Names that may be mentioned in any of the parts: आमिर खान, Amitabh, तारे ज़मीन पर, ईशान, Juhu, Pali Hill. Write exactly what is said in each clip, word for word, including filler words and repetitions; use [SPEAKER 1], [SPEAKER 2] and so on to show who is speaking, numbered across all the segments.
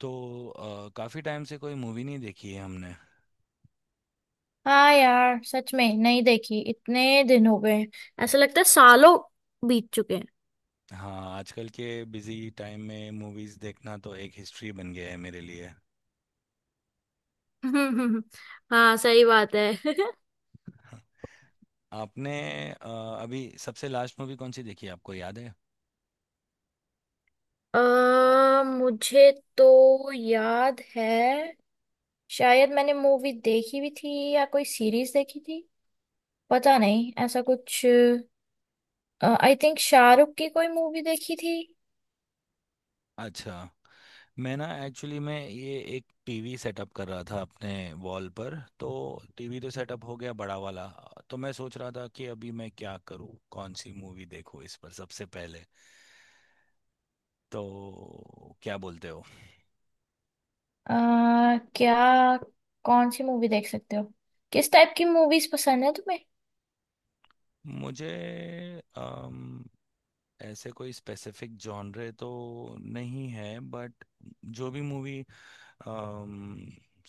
[SPEAKER 1] तो अ, काफी टाइम से कोई मूवी नहीं देखी है हमने।
[SPEAKER 2] हाँ यार, सच में नहीं देखी। इतने दिन हो गए, ऐसा लगता है सालों बीत चुके
[SPEAKER 1] हाँ, आजकल के बिजी टाइम में मूवीज देखना तो एक हिस्ट्री बन गया है मेरे लिए।
[SPEAKER 2] हैं। हाँ, सही बात है।
[SPEAKER 1] हाँ। आपने अ, अभी सबसे लास्ट मूवी कौन सी देखी है? आपको याद है?
[SPEAKER 2] अ, मुझे तो याद है, शायद मैंने मूवी देखी भी थी या कोई सीरीज देखी थी, पता नहीं ऐसा कुछ। आई थिंक शाहरुख की कोई मूवी देखी थी।
[SPEAKER 1] अच्छा। मैं ना एक्चुअली, मैं ये एक टीवी सेटअप कर रहा था अपने वॉल पर। तो टीवी तो सेटअप हो गया, बड़ा वाला। तो मैं सोच रहा था कि अभी मैं क्या करूँ, कौन सी मूवी देखूँ इस पर सबसे पहले। तो क्या बोलते हो?
[SPEAKER 2] अ, क्या? कौन सी मूवी देख सकते हो? किस टाइप की मूवीज पसंद है तुम्हें?
[SPEAKER 1] मुझे ऐसे कोई स्पेसिफिक जॉनरे तो नहीं है, बट जो भी मूवी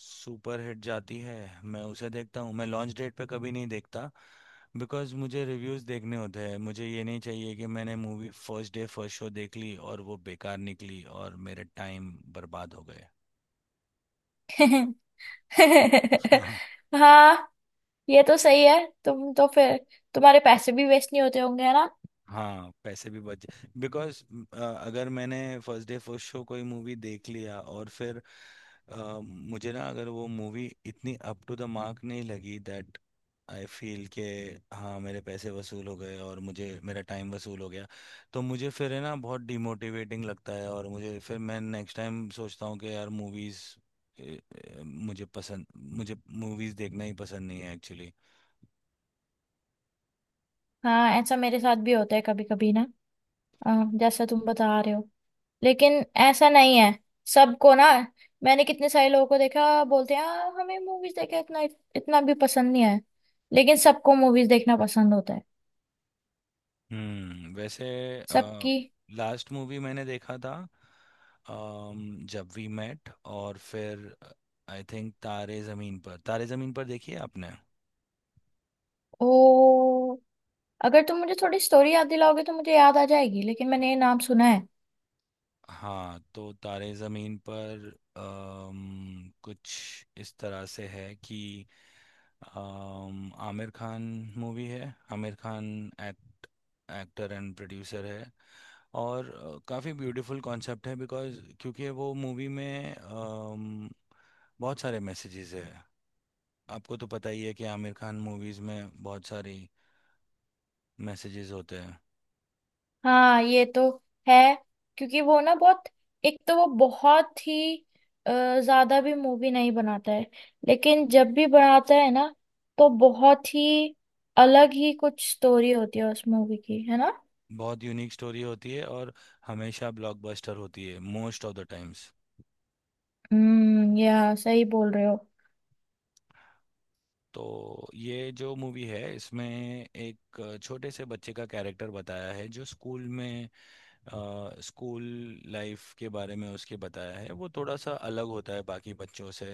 [SPEAKER 1] सुपर हिट जाती है मैं उसे देखता हूँ। मैं लॉन्च डेट पे कभी नहीं देखता। बिकॉज मुझे रिव्यूज़ देखने होते हैं। मुझे ये नहीं चाहिए कि मैंने movie first day first show देख ली और वो बेकार निकली और मेरे टाइम बर्बाद हो गए।
[SPEAKER 2] हाँ, ये तो सही है। तुम तो फिर तुम्हारे पैसे भी वेस्ट नहीं होते होंगे, है ना?
[SPEAKER 1] हाँ, पैसे भी बच। बिकॉज अगर मैंने फर्स्ट डे फर्स्ट शो कोई मूवी देख लिया और फिर अ, मुझे ना, अगर वो मूवी इतनी अप टू द मार्क नहीं लगी, दैट आई फील के हाँ, मेरे पैसे वसूल हो गए और मुझे मेरा टाइम वसूल हो गया। तो मुझे फिर, है ना, बहुत डिमोटिवेटिंग लगता है और मुझे फिर, मैं नेक्स्ट टाइम सोचता हूँ कि यार, मूवीज़ मुझे पसंद मुझे मूवीज़ देखना ही पसंद नहीं है एक्चुअली।
[SPEAKER 2] हाँ, ऐसा मेरे साथ भी होता है कभी कभी ना। अ, जैसा तुम बता रहे हो, लेकिन ऐसा नहीं है सबको ना। मैंने कितने सारे लोगों को देखा, बोलते हैं "आ, हमें मूवीज देखना इतना इतना भी पसंद नहीं है"। लेकिन सबको मूवीज देखना पसंद होता है
[SPEAKER 1] हम्म, वैसे
[SPEAKER 2] सबकी।
[SPEAKER 1] लास्ट मूवी मैंने देखा था अम, जब वी मेट। और फिर आई थिंक तारे ज़मीन पर। तारे ज़मीन पर देखी है आपने?
[SPEAKER 2] ओ, अगर तुम मुझे थोड़ी स्टोरी याद दिलाओगे तो मुझे याद आ जाएगी, लेकिन मैंने ये नाम सुना है।
[SPEAKER 1] हाँ, तो तारे ज़मीन पर अम, कुछ इस तरह से है कि अम, आमिर खान मूवी है। आमिर खान act actor and producer है। और अ, काफ़ी ब्यूटीफुल कॉन्सेप्ट है बिकॉज क्योंकि वो मूवी में अम, बहुत सारे मैसेजेस है। आपको तो पता ही है कि आमिर खान मूवीज़ में बहुत सारी मैसेजेस होते हैं।
[SPEAKER 2] हाँ, ये तो है। क्योंकि वो ना बहुत, एक तो वो बहुत ही अ, ज्यादा भी मूवी नहीं बनाता है, लेकिन जब भी बनाता है ना तो बहुत ही अलग ही कुछ स्टोरी होती है उस मूवी की, है ना?
[SPEAKER 1] बहुत यूनिक स्टोरी होती है और हमेशा ब्लॉकबस्टर होती है मोस्ट ऑफ द टाइम्स।
[SPEAKER 2] हम्म, या सही बोल रहे हो।
[SPEAKER 1] तो ये जो मूवी है इसमें एक अ, छोटे से बच्चे का कैरेक्टर बताया है जो स्कूल में स्कूल लाइफ के बारे में, उसके बताया है। वो थोड़ा सा अलग होता है बाकी बच्चों से,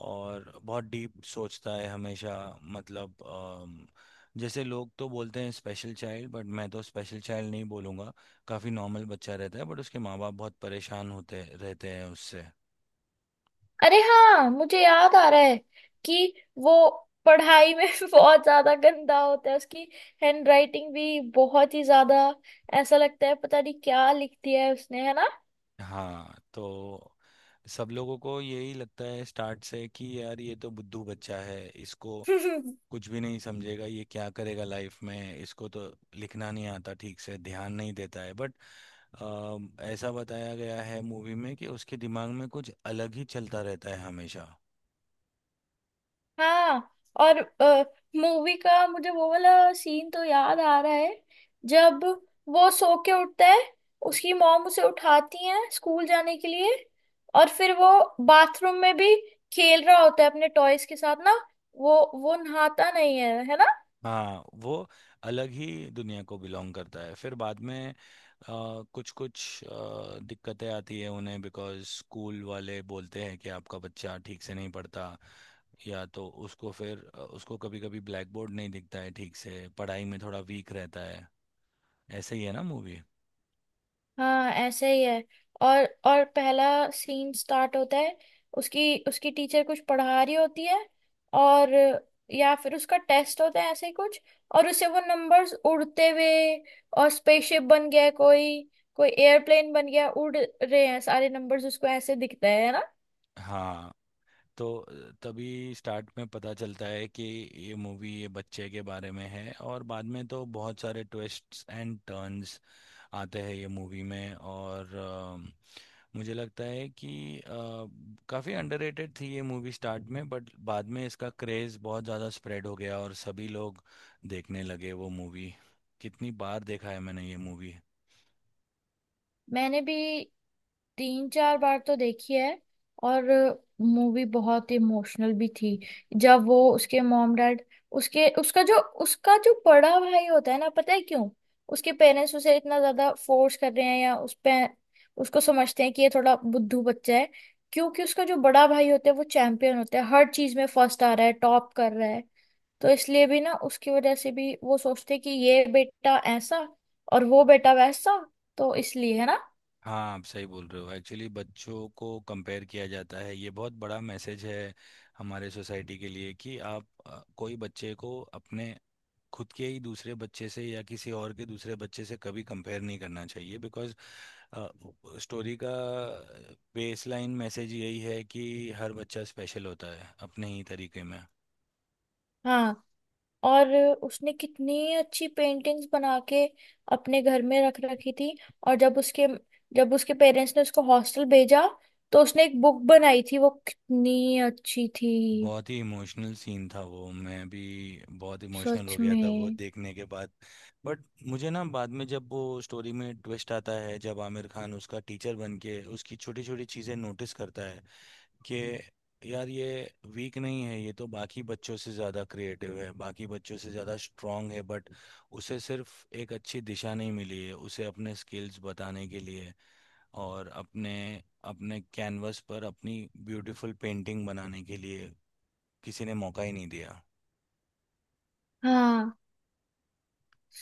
[SPEAKER 1] और बहुत डीप सोचता है हमेशा। मतलब, अम, जैसे लोग तो बोलते हैं स्पेशल चाइल्ड, बट मैं तो स्पेशल चाइल्ड नहीं बोलूँगा। काफ़ी नॉर्मल बच्चा रहता है, बट उसके माँ बाप बहुत परेशान होते रहते हैं उससे।
[SPEAKER 2] अरे हाँ, मुझे याद आ रहा है कि वो पढ़ाई में बहुत ज्यादा गंदा होता है। उसकी हैंडराइटिंग भी बहुत ही ज्यादा, ऐसा लगता है पता नहीं क्या लिख दिया है उसने, है ना?
[SPEAKER 1] हाँ, तो सब लोगों को यही लगता है स्टार्ट से कि यार, ये तो बुद्धू बच्चा है, इसको कुछ भी नहीं समझेगा, ये क्या करेगा लाइफ में, इसको तो लिखना नहीं आता ठीक से, ध्यान नहीं देता है। बट ऐसा बताया गया है मूवी में कि उसके दिमाग में कुछ अलग ही चलता रहता है हमेशा।
[SPEAKER 2] हाँ। और मूवी का मुझे वो वाला सीन तो याद आ रहा है, जब वो सो के उठता है, उसकी मॉम उसे उठाती है स्कूल जाने के लिए, और फिर वो बाथरूम में भी खेल रहा होता है अपने टॉयज के साथ ना, वो वो नहाता नहीं है, है ना?
[SPEAKER 1] हाँ, वो अलग ही दुनिया को बिलोंग करता है। फिर बाद में कुछ कुछ दिक्कतें आती है उन्हें बिकॉज स्कूल वाले बोलते हैं कि आपका बच्चा ठीक से नहीं पढ़ता, या तो उसको फिर, अ, उसको कभी कभी ब्लैक बोर्ड नहीं दिखता है ठीक से, पढ़ाई में थोड़ा वीक रहता है। ऐसे ही है ना मूवी?
[SPEAKER 2] हाँ, ऐसे ही है। और और पहला सीन स्टार्ट होता है, उसकी उसकी टीचर कुछ पढ़ा रही होती है, और या फिर उसका टेस्ट होता है ऐसे ही कुछ, और उसे वो नंबर्स उड़ते हुए, और स्पेसशिप बन गया है कोई, कोई एयरप्लेन बन गया, उड़ रहे हैं सारे नंबर्स, उसको ऐसे दिखता है है ना?
[SPEAKER 1] हाँ, तो अ, तभी स्टार्ट में पता चलता है कि ये मूवी ये बच्चे के बारे में है, और बाद में तो बहुत सारे ट्विस्ट्स एंड टर्न्स आते हैं ये मूवी में। और अ, मुझे लगता है कि अ, काफ़ी अंडररेटेड थी ये मूवी स्टार्ट में, बट बाद में इसका क्रेज़ बहुत ज़्यादा स्प्रेड हो गया और सभी लोग देखने लगे वो मूवी। कितनी बार देखा है मैंने ये मूवी!
[SPEAKER 2] मैंने भी तीन चार बार तो देखी है। और मूवी बहुत इमोशनल भी थी। जब वो उसके मॉम डैड, उसके उसका जो उसका जो बड़ा भाई होता है ना, पता है क्यों उसके पेरेंट्स उसे इतना ज्यादा फोर्स कर रहे हैं या उस पे, उसको समझते हैं कि ये थोड़ा बुद्धू बच्चा है? क्योंकि उसका जो बड़ा भाई होता है वो चैंपियन होता है, हर चीज में फर्स्ट आ रहा है, टॉप कर रहा है। तो इसलिए भी ना, उसकी वजह से भी वो सोचते हैं कि ये बेटा ऐसा और वो बेटा वैसा, तो इसलिए, है ना?
[SPEAKER 1] हाँ, आप सही बोल रहे हो। एक्चुअली बच्चों को कंपेयर किया जाता है, ये बहुत बड़ा मैसेज है हमारे सोसाइटी के लिए कि आप अ, कोई बच्चे को अपने खुद के ही दूसरे बच्चे से या किसी और के दूसरे बच्चे से कभी कंपेयर नहीं करना चाहिए। बिकॉज स्टोरी का बेसलाइन मैसेज यही है कि हर बच्चा स्पेशल होता है अपने ही तरीके में।
[SPEAKER 2] हाँ। और उसने कितनी अच्छी पेंटिंग्स बना के अपने घर में रख रखी थी। और जब उसके जब उसके पेरेंट्स ने उसको हॉस्टल भेजा, तो उसने एक बुक बनाई थी, वो कितनी अच्छी थी।
[SPEAKER 1] बहुत ही इमोशनल सीन था वो, मैं भी बहुत इमोशनल
[SPEAKER 2] सच
[SPEAKER 1] हो गया था वो
[SPEAKER 2] में।
[SPEAKER 1] देखने के बाद। बट मुझे ना, बाद में जब वो स्टोरी में ट्विस्ट आता है जब आमिर खान उसका टीचर बन के उसकी छोटी छोटी चीज़ें नोटिस करता है कि यार, ये वीक नहीं है, ये तो बाकी बच्चों से ज़्यादा क्रिएटिव है, बाकी बच्चों से ज़्यादा स्ट्रांग है, बट उसे सिर्फ एक अच्छी दिशा नहीं मिली है उसे अपने स्किल्स बताने के लिए। और अपने अपने कैनवस पर अपनी ब्यूटीफुल पेंटिंग बनाने के लिए किसी ने मौका ही नहीं दिया।
[SPEAKER 2] हाँ,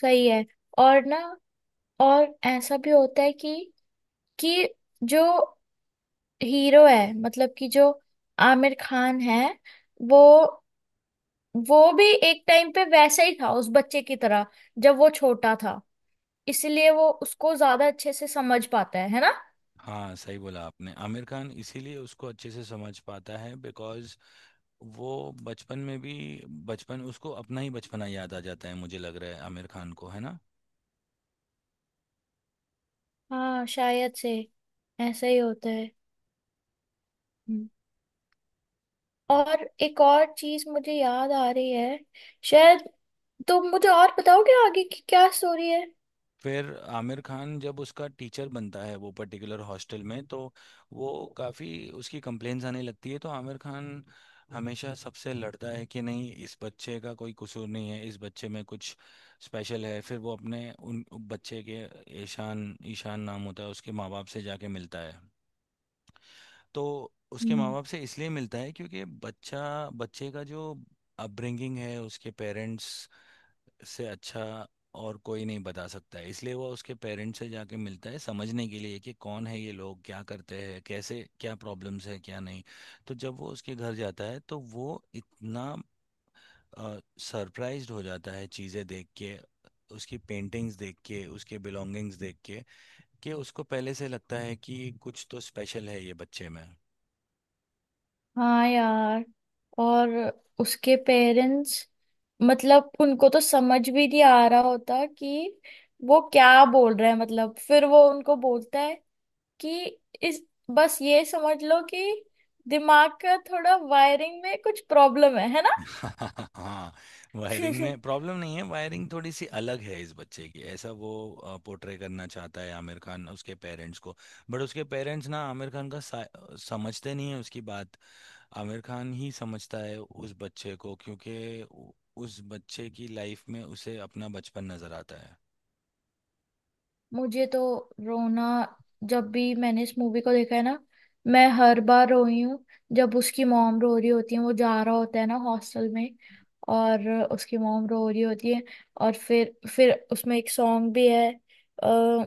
[SPEAKER 2] सही है। और ना, और ऐसा भी होता है कि कि जो हीरो है, मतलब कि जो आमिर खान है, वो वो भी एक टाइम पे वैसा ही था उस बच्चे की तरह, जब वो छोटा था। इसलिए वो उसको ज्यादा अच्छे से समझ पाता है है ना?
[SPEAKER 1] हाँ, सही बोला आपने। आमिर खान इसीलिए उसको अच्छे से समझ पाता है बिकॉज वो बचपन में भी बचपन, उसको अपना ही बचपना याद आ जाता है, मुझे लग रहा है, आमिर खान को, है ना?
[SPEAKER 2] हाँ, शायद से ऐसा ही होता है। हम्म। और एक और चीज मुझे याद आ रही है, शायद तुम मुझे और बताओगे आगे की क्या स्टोरी है।
[SPEAKER 1] फिर आमिर खान जब उसका टीचर बनता है वो पर्टिकुलर हॉस्टल में, तो वो काफ़ी उसकी कंप्लेंट्स आने लगती है, तो आमिर खान हमेशा सबसे लड़ता है कि नहीं, इस बच्चे का कोई कसूर नहीं है, इस बच्चे में कुछ स्पेशल है। फिर वो अपने उन बच्चे के, ईशान ईशान नाम होता है उसके, माँ बाप से जाके मिलता है। तो उसके माँ
[SPEAKER 2] हम्म।
[SPEAKER 1] बाप से इसलिए मिलता है क्योंकि बच्चा बच्चे का जो अपब्रिंगिंग है उसके पेरेंट्स से अच्छा और कोई नहीं बता सकता है, इसलिए वो उसके पेरेंट्स से जाके मिलता है समझने के लिए कि कौन है ये लोग, क्या करते हैं, कैसे, क्या प्रॉब्लम्स है क्या नहीं। तो जब वो उसके घर जाता है तो वो इतना सरप्राइज्ड हो जाता है चीज़ें देख के, उसकी पेंटिंग्स देख के, उसके बिलोंगिंग्स देख के, कि उसको पहले से लगता है कि कुछ तो स्पेशल है ये बच्चे में।
[SPEAKER 2] हाँ यार। और उसके पेरेंट्स, मतलब उनको तो समझ भी नहीं आ रहा होता कि वो क्या बोल रहा है, मतलब फिर वो उनको बोलता है कि इस, बस ये समझ लो कि दिमाग का थोड़ा वायरिंग में कुछ प्रॉब्लम है है ना?
[SPEAKER 1] हाँ, वायरिंग में प्रॉब्लम नहीं है, वायरिंग थोड़ी सी अलग है इस बच्चे की, ऐसा वो पोर्ट्रे करना चाहता है आमिर खान उसके पेरेंट्स को। बट उसके पेरेंट्स ना आमिर खान का सा- समझते नहीं है उसकी बात। आमिर खान ही समझता है उस बच्चे को क्योंकि उ- उस बच्चे की लाइफ में उसे अपना बचपन नजर आता है।
[SPEAKER 2] मुझे तो रोना, जब भी मैंने इस मूवी को देखा है ना, मैं हर बार रोई हूँ। जब उसकी मॉम रो रही होती है, वो जा रहा होता है ना हॉस्टल में, और उसकी मॉम रो रही होती है, और फिर फिर उसमें एक सॉन्ग भी है, अ,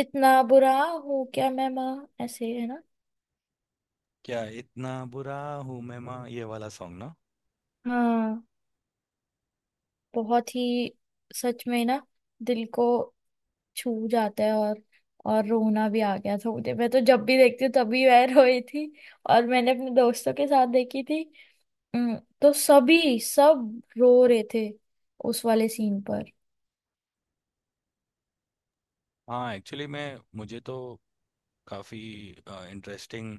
[SPEAKER 2] इतना बुरा हूँ क्या मैं माँ, ऐसे, है ना?
[SPEAKER 1] "क्या इतना बुरा हूँ मैं माँ", ये वाला सॉन्ग ना।
[SPEAKER 2] हाँ, बहुत ही, सच में ना, दिल को छू जाता है। और और रोना भी आ गया था मुझे, मैं तो जब भी देखती हूँ तभी मैं रोई थी। और मैंने अपने दोस्तों के साथ देखी थी। हम्म, तो सभी सब रो रहे थे उस वाले सीन पर।
[SPEAKER 1] हाँ, एक्चुअली मैं मुझे तो काफी इंटरेस्टिंग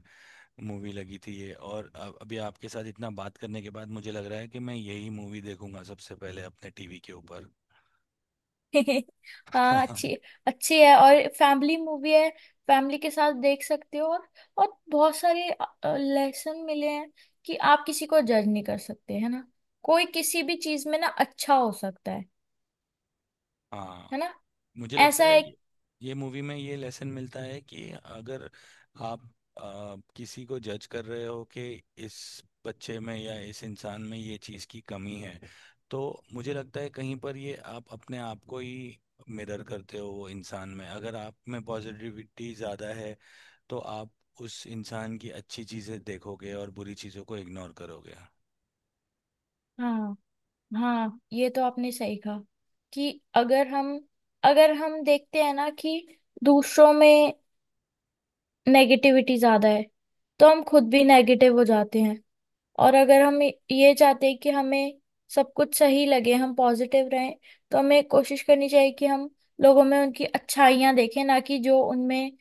[SPEAKER 1] मूवी लगी थी ये, और अब अभी आपके साथ इतना बात करने के बाद मुझे लग रहा है कि मैं यही मूवी देखूंगा सबसे पहले अपने टीवी के ऊपर।
[SPEAKER 2] हाँ, अच्छी, अच्छी है, और फैमिली मूवी है, फैमिली के साथ देख सकते हो। और और बहुत सारे लेसन मिले हैं कि आप किसी को जज नहीं कर सकते, है ना? कोई किसी भी चीज में ना अच्छा हो सकता है
[SPEAKER 1] हाँ,
[SPEAKER 2] है ना?
[SPEAKER 1] मुझे
[SPEAKER 2] ऐसा
[SPEAKER 1] लगता है
[SPEAKER 2] है।
[SPEAKER 1] ये ये मूवी में ये लेसन मिलता है कि अगर आप आ, किसी को जज कर रहे हो कि इस बच्चे में या इस इंसान में ये चीज़ की कमी है, तो मुझे लगता है कहीं पर ये आप अपने आप को ही मिरर करते हो वो इंसान में। अगर आप में पॉजिटिविटी ज़्यादा है तो आप उस इंसान की अच्छी चीज़ें देखोगे और बुरी चीज़ों को इग्नोर करोगे।
[SPEAKER 2] हाँ, हाँ, ये तो आपने सही कहा कि अगर हम अगर हम देखते हैं ना कि दूसरों में नेगेटिविटी ज्यादा है, तो हम खुद भी नेगेटिव हो जाते हैं। और अगर हम ये चाहते हैं कि हमें सब कुछ सही लगे, हम पॉजिटिव रहें, तो हमें कोशिश करनी चाहिए कि हम लोगों में उनकी अच्छाइयाँ देखें, ना कि जो उनमें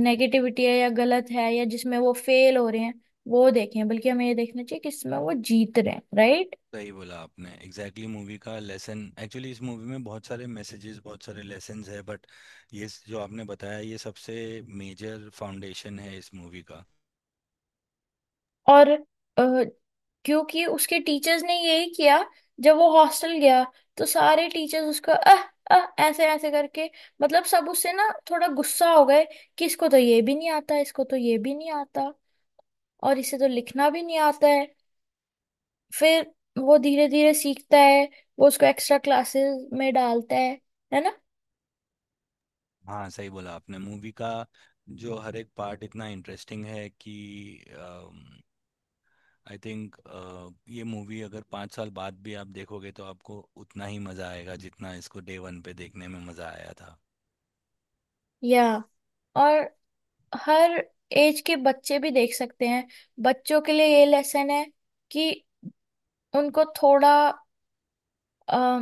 [SPEAKER 2] नेगेटिविटी है या गलत है या जिसमें वो फेल हो रहे हैं वो देखें, बल्कि हमें ये देखना चाहिए कि इसमें वो जीत रहे हैं, right?
[SPEAKER 1] सही बोला आपने, एग्जैक्टली exactly मूवी का लेसन। एक्चुअली इस मूवी में बहुत सारे मैसेजेस, बहुत सारे लेसन्स है, बट ये स- जो आपने बताया ये सबसे मेजर फाउंडेशन है इस मूवी का।
[SPEAKER 2] और अ, क्योंकि उसके टीचर्स ने यही किया, जब वो हॉस्टल गया, तो सारे टीचर्स उसको अह अह ऐसे ऐसे करके, मतलब सब उससे ना थोड़ा गुस्सा हो गए कि इसको तो ये भी नहीं आता, इसको तो ये भी नहीं आता, और इसे तो लिखना भी नहीं आता है। फिर वो धीरे धीरे सीखता है, वो उसको एक्स्ट्रा क्लासेस में डालता है है ना?
[SPEAKER 1] हाँ, सही बोला आपने। मूवी का जो हर एक पार्ट इतना इंटरेस्टिंग है कि आई थिंक ये मूवी अगर पाँच साल बाद भी आप देखोगे तो आपको उतना ही मज़ा आएगा जितना इसको डे वन पे देखने में मज़ा आया था।
[SPEAKER 2] या। और हर एज के बच्चे भी देख सकते हैं, बच्चों के लिए ये लेसन है कि उनको थोड़ा अ,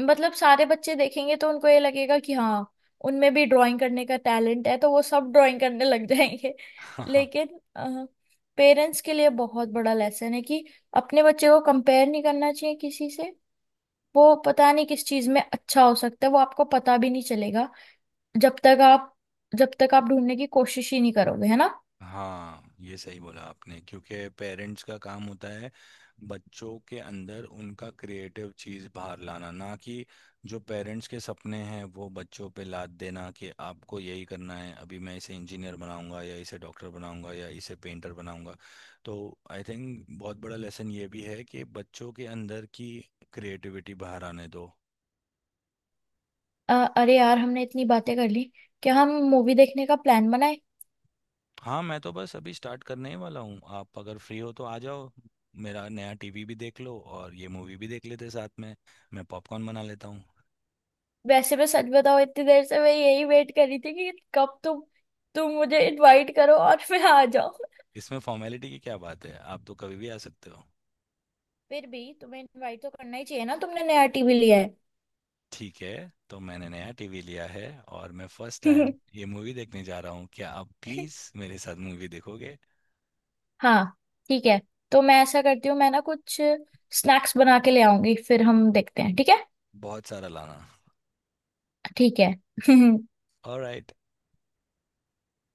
[SPEAKER 2] मतलब सारे बच्चे देखेंगे तो उनको ये लगेगा कि हाँ उनमें भी ड्राइंग करने का टैलेंट है, तो वो सब ड्राइंग करने लग जाएंगे। लेकिन पेरेंट्स के लिए बहुत बड़ा लेसन है कि अपने बच्चे को कंपेयर नहीं करना चाहिए किसी से। वो पता नहीं किस चीज में अच्छा हो सकता है, वो आपको पता भी नहीं चलेगा जब तक आप, जब तक आप ढूंढने की कोशिश ही नहीं करोगे, है ना?
[SPEAKER 1] हाँ, ये सही बोला आपने। क्योंकि पेरेंट्स का काम होता है बच्चों के अंदर उनका क्रिएटिव चीज़ बाहर लाना, ना कि जो पेरेंट्स के सपने हैं वो बच्चों पे लाद देना कि आपको यही करना है, अभी मैं इसे इंजीनियर बनाऊंगा या इसे डॉक्टर बनाऊंगा या इसे पेंटर बनाऊंगा। तो आई थिंक बहुत बड़ा लेसन ये भी है कि बच्चों के अंदर की क्रिएटिविटी बाहर आने दो।
[SPEAKER 2] अ, अरे यार, हमने इतनी बातें कर ली, क्या हम मूवी देखने का प्लान बनाए?
[SPEAKER 1] हाँ, मैं तो बस अभी स्टार्ट करने ही वाला हूँ। आप अगर फ्री हो तो आ जाओ। मेरा नया टीवी भी देख लो और ये मूवी भी देख लेते साथ में। मैं पॉपकॉर्न बना लेता हूँ।
[SPEAKER 2] वैसे मैं सच बताऊं, इतनी देर से मैं यही वेट कर रही थी कि कब तुम, तुम मुझे इनवाइट करो और मैं आ जाऊं।
[SPEAKER 1] इसमें फॉर्मेलिटी की क्या बात है? आप तो कभी भी आ सकते हो।
[SPEAKER 2] फिर भी तुम्हें इनवाइट तो करना ही चाहिए ना, तुमने नया टीवी लिया
[SPEAKER 1] ठीक है, तो मैंने नया टीवी लिया है और मैं फर्स्ट
[SPEAKER 2] है।
[SPEAKER 1] टाइम ये मूवी देखने जा रहा हूँ। क्या आप प्लीज़ मेरे साथ मूवी देखोगे?
[SPEAKER 2] हाँ, ठीक है। तो मैं ऐसा करती हूँ, मैं ना कुछ स्नैक्स बना के ले आऊंगी, फिर हम देखते हैं, ठीक है?
[SPEAKER 1] बहुत सारा लाना।
[SPEAKER 2] ठीक है।
[SPEAKER 1] ऑलराइट।